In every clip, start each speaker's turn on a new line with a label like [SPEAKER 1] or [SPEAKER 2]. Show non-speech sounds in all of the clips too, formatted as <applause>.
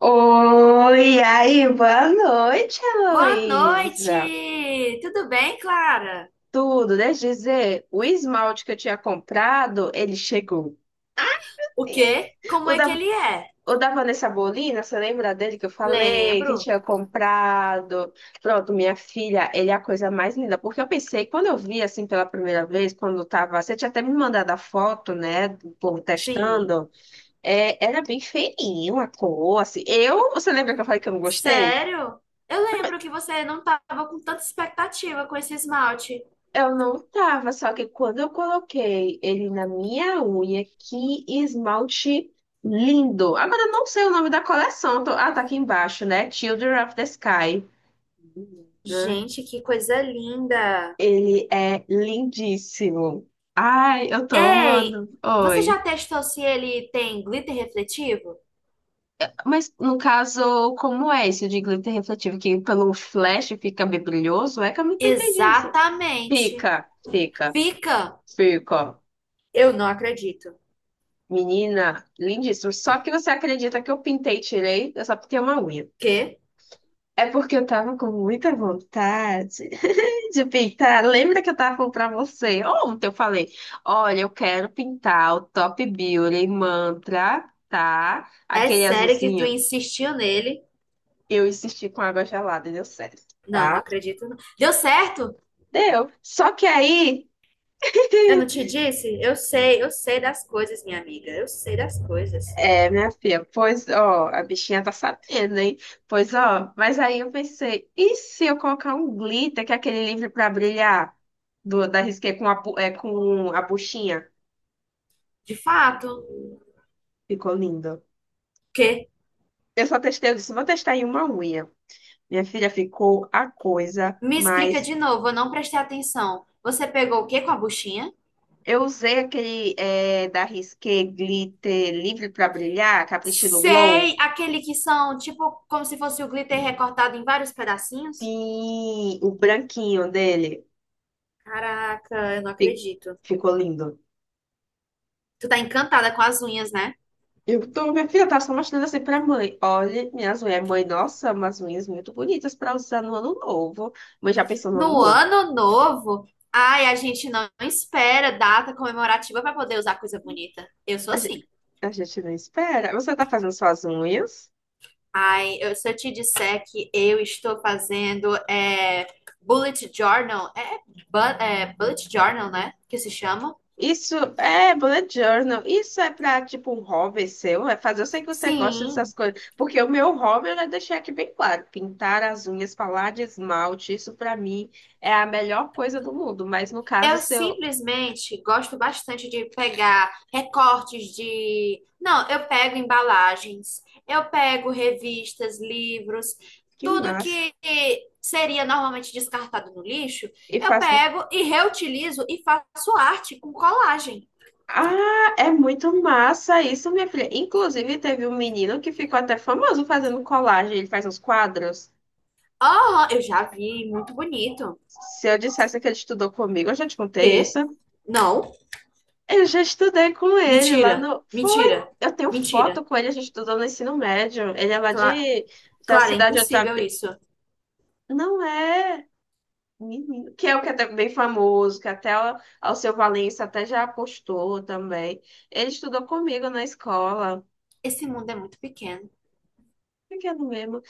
[SPEAKER 1] Oi, e aí, boa noite,
[SPEAKER 2] Boa
[SPEAKER 1] Heloísa.
[SPEAKER 2] noite! Tudo bem, Clara?
[SPEAKER 1] Tudo, deixa eu dizer, o esmalte que eu tinha comprado, ele chegou.
[SPEAKER 2] O quê? Como
[SPEAKER 1] O
[SPEAKER 2] é que
[SPEAKER 1] da,
[SPEAKER 2] ele é?
[SPEAKER 1] o da Vanessa Bolina, você lembra dele que eu falei, que
[SPEAKER 2] Lembro.
[SPEAKER 1] tinha comprado? Pronto, minha filha, ele é a coisa mais linda. Porque eu pensei, quando eu vi assim pela primeira vez, quando eu tava. Você tinha até me mandado a foto, né? Do povo
[SPEAKER 2] Sim.
[SPEAKER 1] testando. É, era bem feinho a cor, assim. Eu, você lembra que eu falei que eu não gostei?
[SPEAKER 2] Sério? Eu lembro que você não estava com tanta expectativa com esse esmalte.
[SPEAKER 1] Eu não tava, só que quando eu coloquei ele na minha unha, que esmalte lindo. Agora eu não sei o nome da coleção. Ah, tá aqui embaixo, né? Children of the Sky. Menina,
[SPEAKER 2] Gente, que coisa linda!
[SPEAKER 1] ele é lindíssimo. Ai, eu tô
[SPEAKER 2] Ei,
[SPEAKER 1] amando.
[SPEAKER 2] você
[SPEAKER 1] Oi.
[SPEAKER 2] já testou se ele tem glitter refletivo?
[SPEAKER 1] Mas no caso, como é esse de glitter refletivo? Que pelo flash fica bem brilhoso? É que eu nunca entendi isso.
[SPEAKER 2] Exatamente.
[SPEAKER 1] Fica, fica,
[SPEAKER 2] Fica!
[SPEAKER 1] fica.
[SPEAKER 2] Eu não acredito.
[SPEAKER 1] Menina, lindíssimo. Só que você acredita que eu pintei e tirei? Eu só pintei uma unha.
[SPEAKER 2] Quê?
[SPEAKER 1] É porque eu tava com muita vontade <laughs> de pintar. Lembra que eu tava falando pra você? Ontem eu falei: olha, eu quero pintar o Top Beauty Mantra, tá?
[SPEAKER 2] É
[SPEAKER 1] Aquele
[SPEAKER 2] sério que tu
[SPEAKER 1] azulzinho.
[SPEAKER 2] insistiu nele?
[SPEAKER 1] Eu insisti com água gelada e deu certo,
[SPEAKER 2] Não, não
[SPEAKER 1] tá?
[SPEAKER 2] acredito. Não. Deu certo?
[SPEAKER 1] Deu. Só que aí.
[SPEAKER 2] Eu não
[SPEAKER 1] <laughs>
[SPEAKER 2] te disse? Eu sei das coisas, minha amiga. Eu sei das coisas.
[SPEAKER 1] É, minha filha, pois, ó, a bichinha tá sabendo, hein? Pois, ó, mas aí eu pensei, e se eu colocar um glitter, que é aquele livro pra brilhar, da Risqué com a, com a buchinha?
[SPEAKER 2] De fato. O
[SPEAKER 1] Ficou lindo.
[SPEAKER 2] quê?
[SPEAKER 1] Eu só testei, eu disse, vou testar em uma unha. Minha filha, ficou a coisa,
[SPEAKER 2] Me
[SPEAKER 1] mas
[SPEAKER 2] explica de novo, eu não prestei atenção. Você pegou o quê com a buchinha?
[SPEAKER 1] eu usei aquele é, da Risqué glitter livre pra brilhar, capricho do Glow,
[SPEAKER 2] Sei, aquele que são tipo como se fosse o glitter recortado em vários pedacinhos?
[SPEAKER 1] sim, o branquinho dele.
[SPEAKER 2] Caraca, eu não
[SPEAKER 1] Fi-
[SPEAKER 2] acredito.
[SPEAKER 1] Ficou lindo.
[SPEAKER 2] Tu tá encantada com as unhas, né?
[SPEAKER 1] Eu tô, minha filha, tá só mostrando assim pra mãe. Olha, minhas unhas. Mãe, nossa, umas unhas muito bonitas pra usar no ano novo. Mãe já pensou no ano
[SPEAKER 2] No
[SPEAKER 1] novo.
[SPEAKER 2] ano novo, ai, a gente não espera data comemorativa pra poder usar coisa bonita. Eu sou
[SPEAKER 1] A gente,
[SPEAKER 2] assim.
[SPEAKER 1] a gente não espera. Você tá fazendo suas unhas?
[SPEAKER 2] Ai, eu, se eu te disser que eu estou fazendo é, bullet journal, é, bullet journal, né? Que se chama?
[SPEAKER 1] Isso é bullet journal. Isso é pra, tipo, um hobby seu. É fazer. Eu sei que você gosta dessas
[SPEAKER 2] Sim,
[SPEAKER 1] coisas. Porque o meu hobby, eu já deixei aqui bem claro. Pintar as unhas, falar de esmalte. Isso pra mim é a melhor coisa do mundo. Mas no caso
[SPEAKER 2] eu
[SPEAKER 1] seu,
[SPEAKER 2] simplesmente gosto bastante de pegar recortes de. Não, eu pego embalagens, eu pego revistas, livros,
[SPEAKER 1] que
[SPEAKER 2] tudo
[SPEAKER 1] massa.
[SPEAKER 2] que seria normalmente descartado no lixo,
[SPEAKER 1] E
[SPEAKER 2] eu
[SPEAKER 1] faz.
[SPEAKER 2] pego e reutilizo e faço arte com colagem.
[SPEAKER 1] Ah, é muito massa isso, minha filha. Inclusive, teve um menino que ficou até famoso fazendo colagem. Ele faz uns quadros.
[SPEAKER 2] Aham, eu já vi, muito bonito.
[SPEAKER 1] Se eu dissesse que ele estudou comigo, eu já te contei
[SPEAKER 2] Quê?
[SPEAKER 1] isso.
[SPEAKER 2] Não.
[SPEAKER 1] Eu já estudei com ele lá
[SPEAKER 2] Mentira.
[SPEAKER 1] no. Foi.
[SPEAKER 2] Mentira.
[SPEAKER 1] Eu tenho
[SPEAKER 2] Mentira.
[SPEAKER 1] foto com ele, a gente estudou no ensino médio. Ele é lá
[SPEAKER 2] Cla
[SPEAKER 1] de... da
[SPEAKER 2] Clara, é
[SPEAKER 1] cidade de outra.
[SPEAKER 2] impossível isso.
[SPEAKER 1] Não é. Menino. Que é o que é até bem famoso, que até o Alceu Valença até já apostou também. Ele estudou comigo na escola.
[SPEAKER 2] Esse mundo é muito pequeno.
[SPEAKER 1] Pequeno mesmo.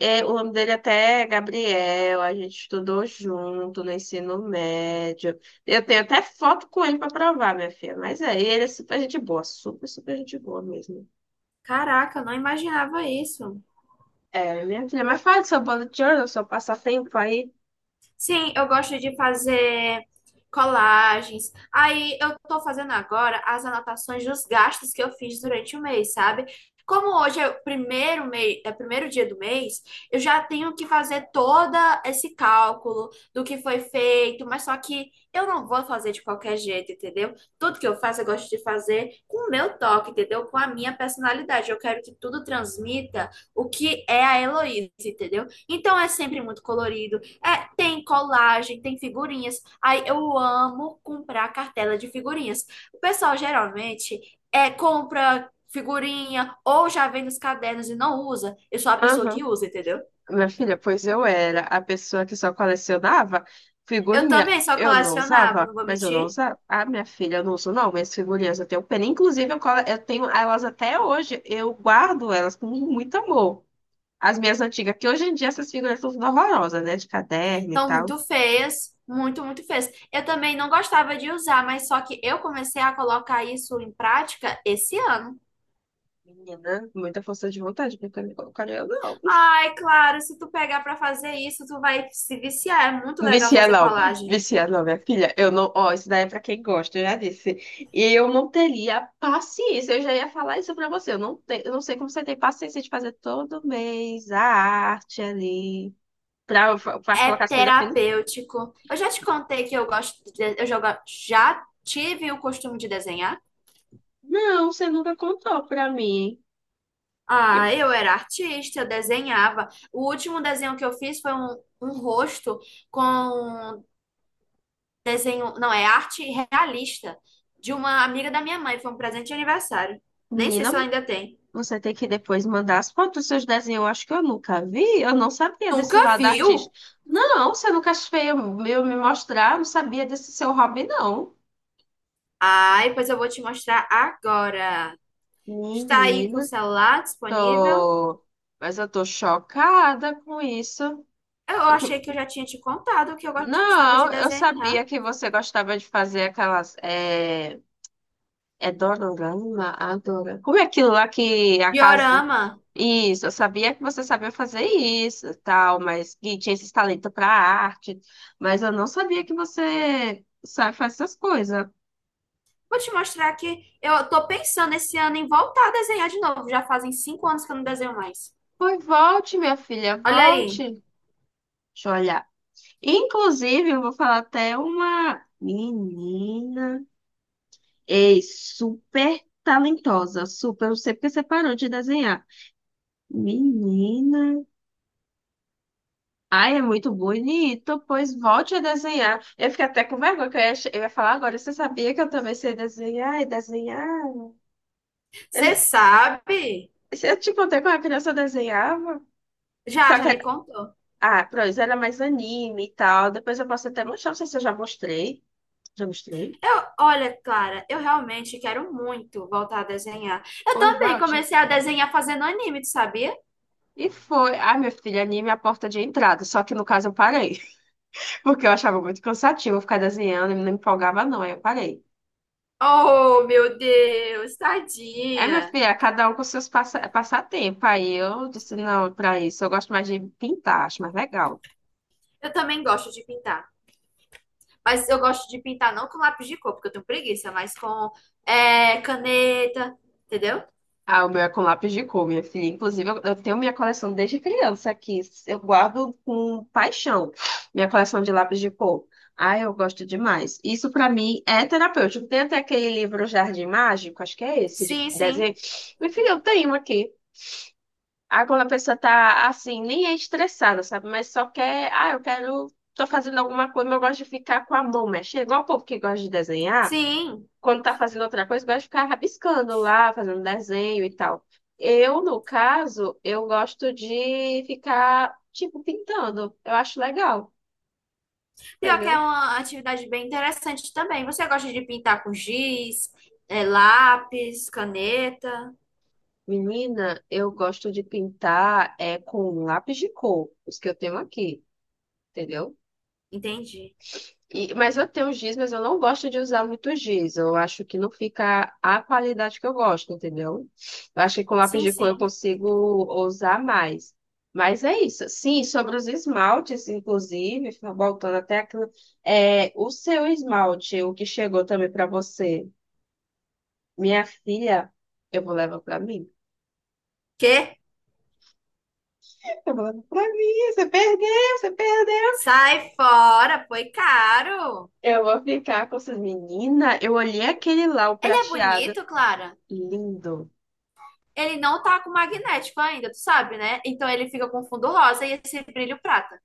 [SPEAKER 1] É, o nome dele até é Gabriel, a gente estudou junto no ensino médio. Eu tenho até foto com ele para provar, minha filha. Mas é, ele é super gente boa, super, super gente boa mesmo.
[SPEAKER 2] Caraca, eu não imaginava isso.
[SPEAKER 1] É, minha filha, mas fala do seu bolo de ouro, do seu passatempo aí.
[SPEAKER 2] Sim, eu gosto de fazer colagens. Aí eu tô fazendo agora as anotações dos gastos que eu fiz durante o mês, sabe? Como hoje é o primeiro mês, é o primeiro dia do mês, eu já tenho que fazer todo esse cálculo do que foi feito, mas só que eu não vou fazer de qualquer jeito, entendeu? Tudo que eu faço, eu gosto de fazer com o meu toque, entendeu? Com a minha personalidade. Eu quero que tudo transmita o que é a Heloísa, entendeu? Então é sempre muito colorido. É, tem colagem, tem figurinhas. Aí eu amo comprar cartela de figurinhas. O pessoal geralmente é, compra figurinha ou já vem nos cadernos e não usa. Eu sou a pessoa que
[SPEAKER 1] Aham.
[SPEAKER 2] usa, entendeu?
[SPEAKER 1] Minha filha, pois eu era a pessoa que só colecionava
[SPEAKER 2] Eu
[SPEAKER 1] figurinha.
[SPEAKER 2] também só
[SPEAKER 1] Eu não
[SPEAKER 2] colecionava,
[SPEAKER 1] usava,
[SPEAKER 2] não vou
[SPEAKER 1] mas eu não
[SPEAKER 2] mentir.
[SPEAKER 1] usava. Ah, minha filha, eu não uso não, mas figurinhas eu tenho pena. Inclusive, eu tenho elas até hoje. Eu guardo elas com muito amor. As minhas antigas, que hoje em dia essas figurinhas são tudo horrorosas, né? De caderno e
[SPEAKER 2] Então,
[SPEAKER 1] tal.
[SPEAKER 2] muito feias, muito feias. Eu também não gostava de usar, mas só que eu comecei a colocar isso em prática esse ano.
[SPEAKER 1] Menina, muita força de vontade, porque eu não colocaria eu não.
[SPEAKER 2] Ai, claro, se tu pegar pra fazer isso, tu vai se viciar. É muito legal
[SPEAKER 1] Vicia
[SPEAKER 2] fazer
[SPEAKER 1] não,
[SPEAKER 2] colagem.
[SPEAKER 1] vicia não, minha filha. Eu não, ó, isso daí é pra quem gosta, eu já disse. E eu não teria paciência, eu já ia falar isso pra você. Eu não sei como você tem paciência de fazer todo mês a arte ali, pra
[SPEAKER 2] É
[SPEAKER 1] colocar as coisas finas.
[SPEAKER 2] terapêutico. Eu já te contei que eu gosto de, já tive o costume de desenhar.
[SPEAKER 1] Não, você nunca contou pra mim. E,
[SPEAKER 2] Ah, eu era artista, eu desenhava. O último desenho que eu fiz foi um rosto com desenho, não, é arte realista de uma amiga da minha mãe. Foi um presente de aniversário. Nem sei
[SPEAKER 1] menina,
[SPEAKER 2] se ela ainda tem.
[SPEAKER 1] você tem que depois mandar as fotos dos seus desenhos. Eu acho que eu nunca vi, eu não sabia
[SPEAKER 2] Nunca
[SPEAKER 1] desse lado
[SPEAKER 2] viu?
[SPEAKER 1] artista. Não, você nunca fez eu me mostrar, eu não sabia desse seu hobby, não.
[SPEAKER 2] Ai, pois eu vou te mostrar agora. Está aí com o
[SPEAKER 1] Menina.
[SPEAKER 2] celular disponível?
[SPEAKER 1] Tô, mas eu tô chocada com isso.
[SPEAKER 2] Eu
[SPEAKER 1] Eu
[SPEAKER 2] achei que eu
[SPEAKER 1] que-
[SPEAKER 2] já tinha te contado que eu gostava de
[SPEAKER 1] Não, eu sabia
[SPEAKER 2] desenhar.
[SPEAKER 1] que você gostava de fazer aquelas. É, é Dororama? Adora. Como é aquilo lá que a casinha.
[SPEAKER 2] Diorama.
[SPEAKER 1] Isso, eu sabia que você sabia fazer isso e tal, mas que tinha esse talento para arte. Mas eu não sabia que você sabe fazer essas coisas.
[SPEAKER 2] Vou te mostrar que eu tô pensando esse ano em voltar a desenhar de novo. Já fazem 5 anos que eu não desenho mais.
[SPEAKER 1] Pois volte, minha filha,
[SPEAKER 2] Olha aí.
[SPEAKER 1] volte. Deixa eu olhar. Inclusive, eu vou falar até uma menina. Ei, super talentosa, super. Não sei porque você parou de desenhar. Menina. Ai, é muito bonito. Pois volte a desenhar. Eu fiquei até com vergonha, que eu ia falar agora. Você sabia que eu também sei desenhar e desenhar?
[SPEAKER 2] Você
[SPEAKER 1] Eu,
[SPEAKER 2] sabe?
[SPEAKER 1] eu te contei como a criança eu desenhava.
[SPEAKER 2] Já,
[SPEAKER 1] Só
[SPEAKER 2] já
[SPEAKER 1] que,
[SPEAKER 2] me contou.
[SPEAKER 1] ah, pronto, era mais anime e tal. Depois eu posso até mostrar, não sei se eu já mostrei. Já mostrei?
[SPEAKER 2] Eu, olha, Clara, eu realmente quero muito voltar a desenhar. Eu
[SPEAKER 1] Pois
[SPEAKER 2] também
[SPEAKER 1] volte.
[SPEAKER 2] comecei a desenhar fazendo anime, tu sabia?
[SPEAKER 1] E foi. Ai, meu filho, anime é a porta de entrada. Só que no caso eu parei. Porque eu achava muito cansativo ficar desenhando, e não me empolgava, não. Aí eu parei.
[SPEAKER 2] Oh, meu Deus,
[SPEAKER 1] É, minha
[SPEAKER 2] tadinha.
[SPEAKER 1] filha, cada um com seus passatempo. Aí eu disse, não, pra isso, eu gosto mais de pintar, acho mais legal.
[SPEAKER 2] Eu também gosto de pintar. Mas eu gosto de pintar não com lápis de cor, porque eu tenho preguiça, mas com é, caneta, entendeu?
[SPEAKER 1] Ah, o meu é com lápis de cor, minha filha. Inclusive, eu tenho minha coleção desde criança aqui. Eu guardo com paixão minha coleção de lápis de cor. Ah, eu gosto demais. Isso pra mim é terapêutico. Tem até aquele livro Jardim Mágico, acho que é esse, de
[SPEAKER 2] Sim, sim.
[SPEAKER 1] desenho. Minha filha, eu tenho aqui. Ah, quando a pessoa tá assim, nem é estressada, sabe? Mas só quer, ah, eu quero, tô fazendo alguma coisa, mas eu gosto de ficar com a mão mexendo. Igual o povo que gosta de desenhar,
[SPEAKER 2] Sim.
[SPEAKER 1] quando tá fazendo outra coisa, gosta de ficar rabiscando lá, fazendo desenho e tal. No caso, eu gosto de ficar, tipo, pintando. Eu acho legal,
[SPEAKER 2] Pior que é
[SPEAKER 1] entendeu?
[SPEAKER 2] uma atividade bem interessante também. Você gosta de pintar com giz, é, lápis, caneta?
[SPEAKER 1] Menina, eu gosto de pintar é, com lápis de cor, os que eu tenho aqui, entendeu?
[SPEAKER 2] Entendi.
[SPEAKER 1] Mas eu tenho giz, mas eu não gosto de usar muito giz. Eu acho que não fica a qualidade que eu gosto, entendeu? Eu acho que com lápis
[SPEAKER 2] Sim,
[SPEAKER 1] de cor eu
[SPEAKER 2] sim.
[SPEAKER 1] consigo usar mais. Mas é isso. Sim, sobre os esmaltes, inclusive, voltando até aqui, é, o seu esmalte, o que chegou também para você, minha filha, eu vou levar para mim.
[SPEAKER 2] Quê?
[SPEAKER 1] Eu vou levar para mim. Você perdeu.
[SPEAKER 2] Sai fora, foi caro.
[SPEAKER 1] Eu vou ficar com essas meninas. Eu olhei aquele lá, o
[SPEAKER 2] Ele é
[SPEAKER 1] prateado,
[SPEAKER 2] bonito, Clara.
[SPEAKER 1] lindo.
[SPEAKER 2] Ele não tá com magnético ainda, tu sabe, né? Então ele fica com fundo rosa e esse brilho prata.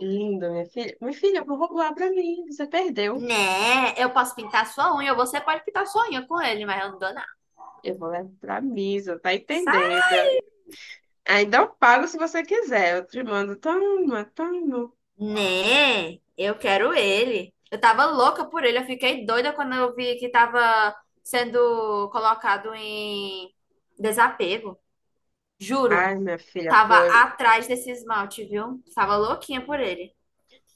[SPEAKER 1] Linda, minha filha. Minha filha, eu vou roubar pra mim. Você perdeu.
[SPEAKER 2] Né? Eu posso pintar sua unha, ou você pode pintar sua unha com ele, mas eu não dou nada.
[SPEAKER 1] Eu vou levar pra missa, tá entendendo? Ainda eu pago se você quiser. Eu te mando, toma, toma.
[SPEAKER 2] Né? Eu quero ele. Eu tava louca por ele. Eu fiquei doida quando eu vi que tava sendo colocado em desapego.
[SPEAKER 1] Ai,
[SPEAKER 2] Juro.
[SPEAKER 1] minha filha,
[SPEAKER 2] Tava
[SPEAKER 1] pois.
[SPEAKER 2] atrás desse esmalte, viu? Tava louquinha por ele.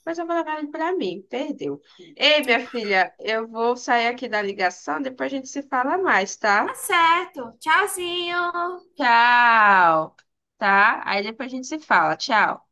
[SPEAKER 1] Mas eu vou levar ele pra mim, perdeu. Ei, minha filha, eu vou sair aqui da ligação, depois a gente se fala mais, tá?
[SPEAKER 2] Tá certo. Tchauzinho.
[SPEAKER 1] Tchau, tá? Aí depois a gente se fala, tchau.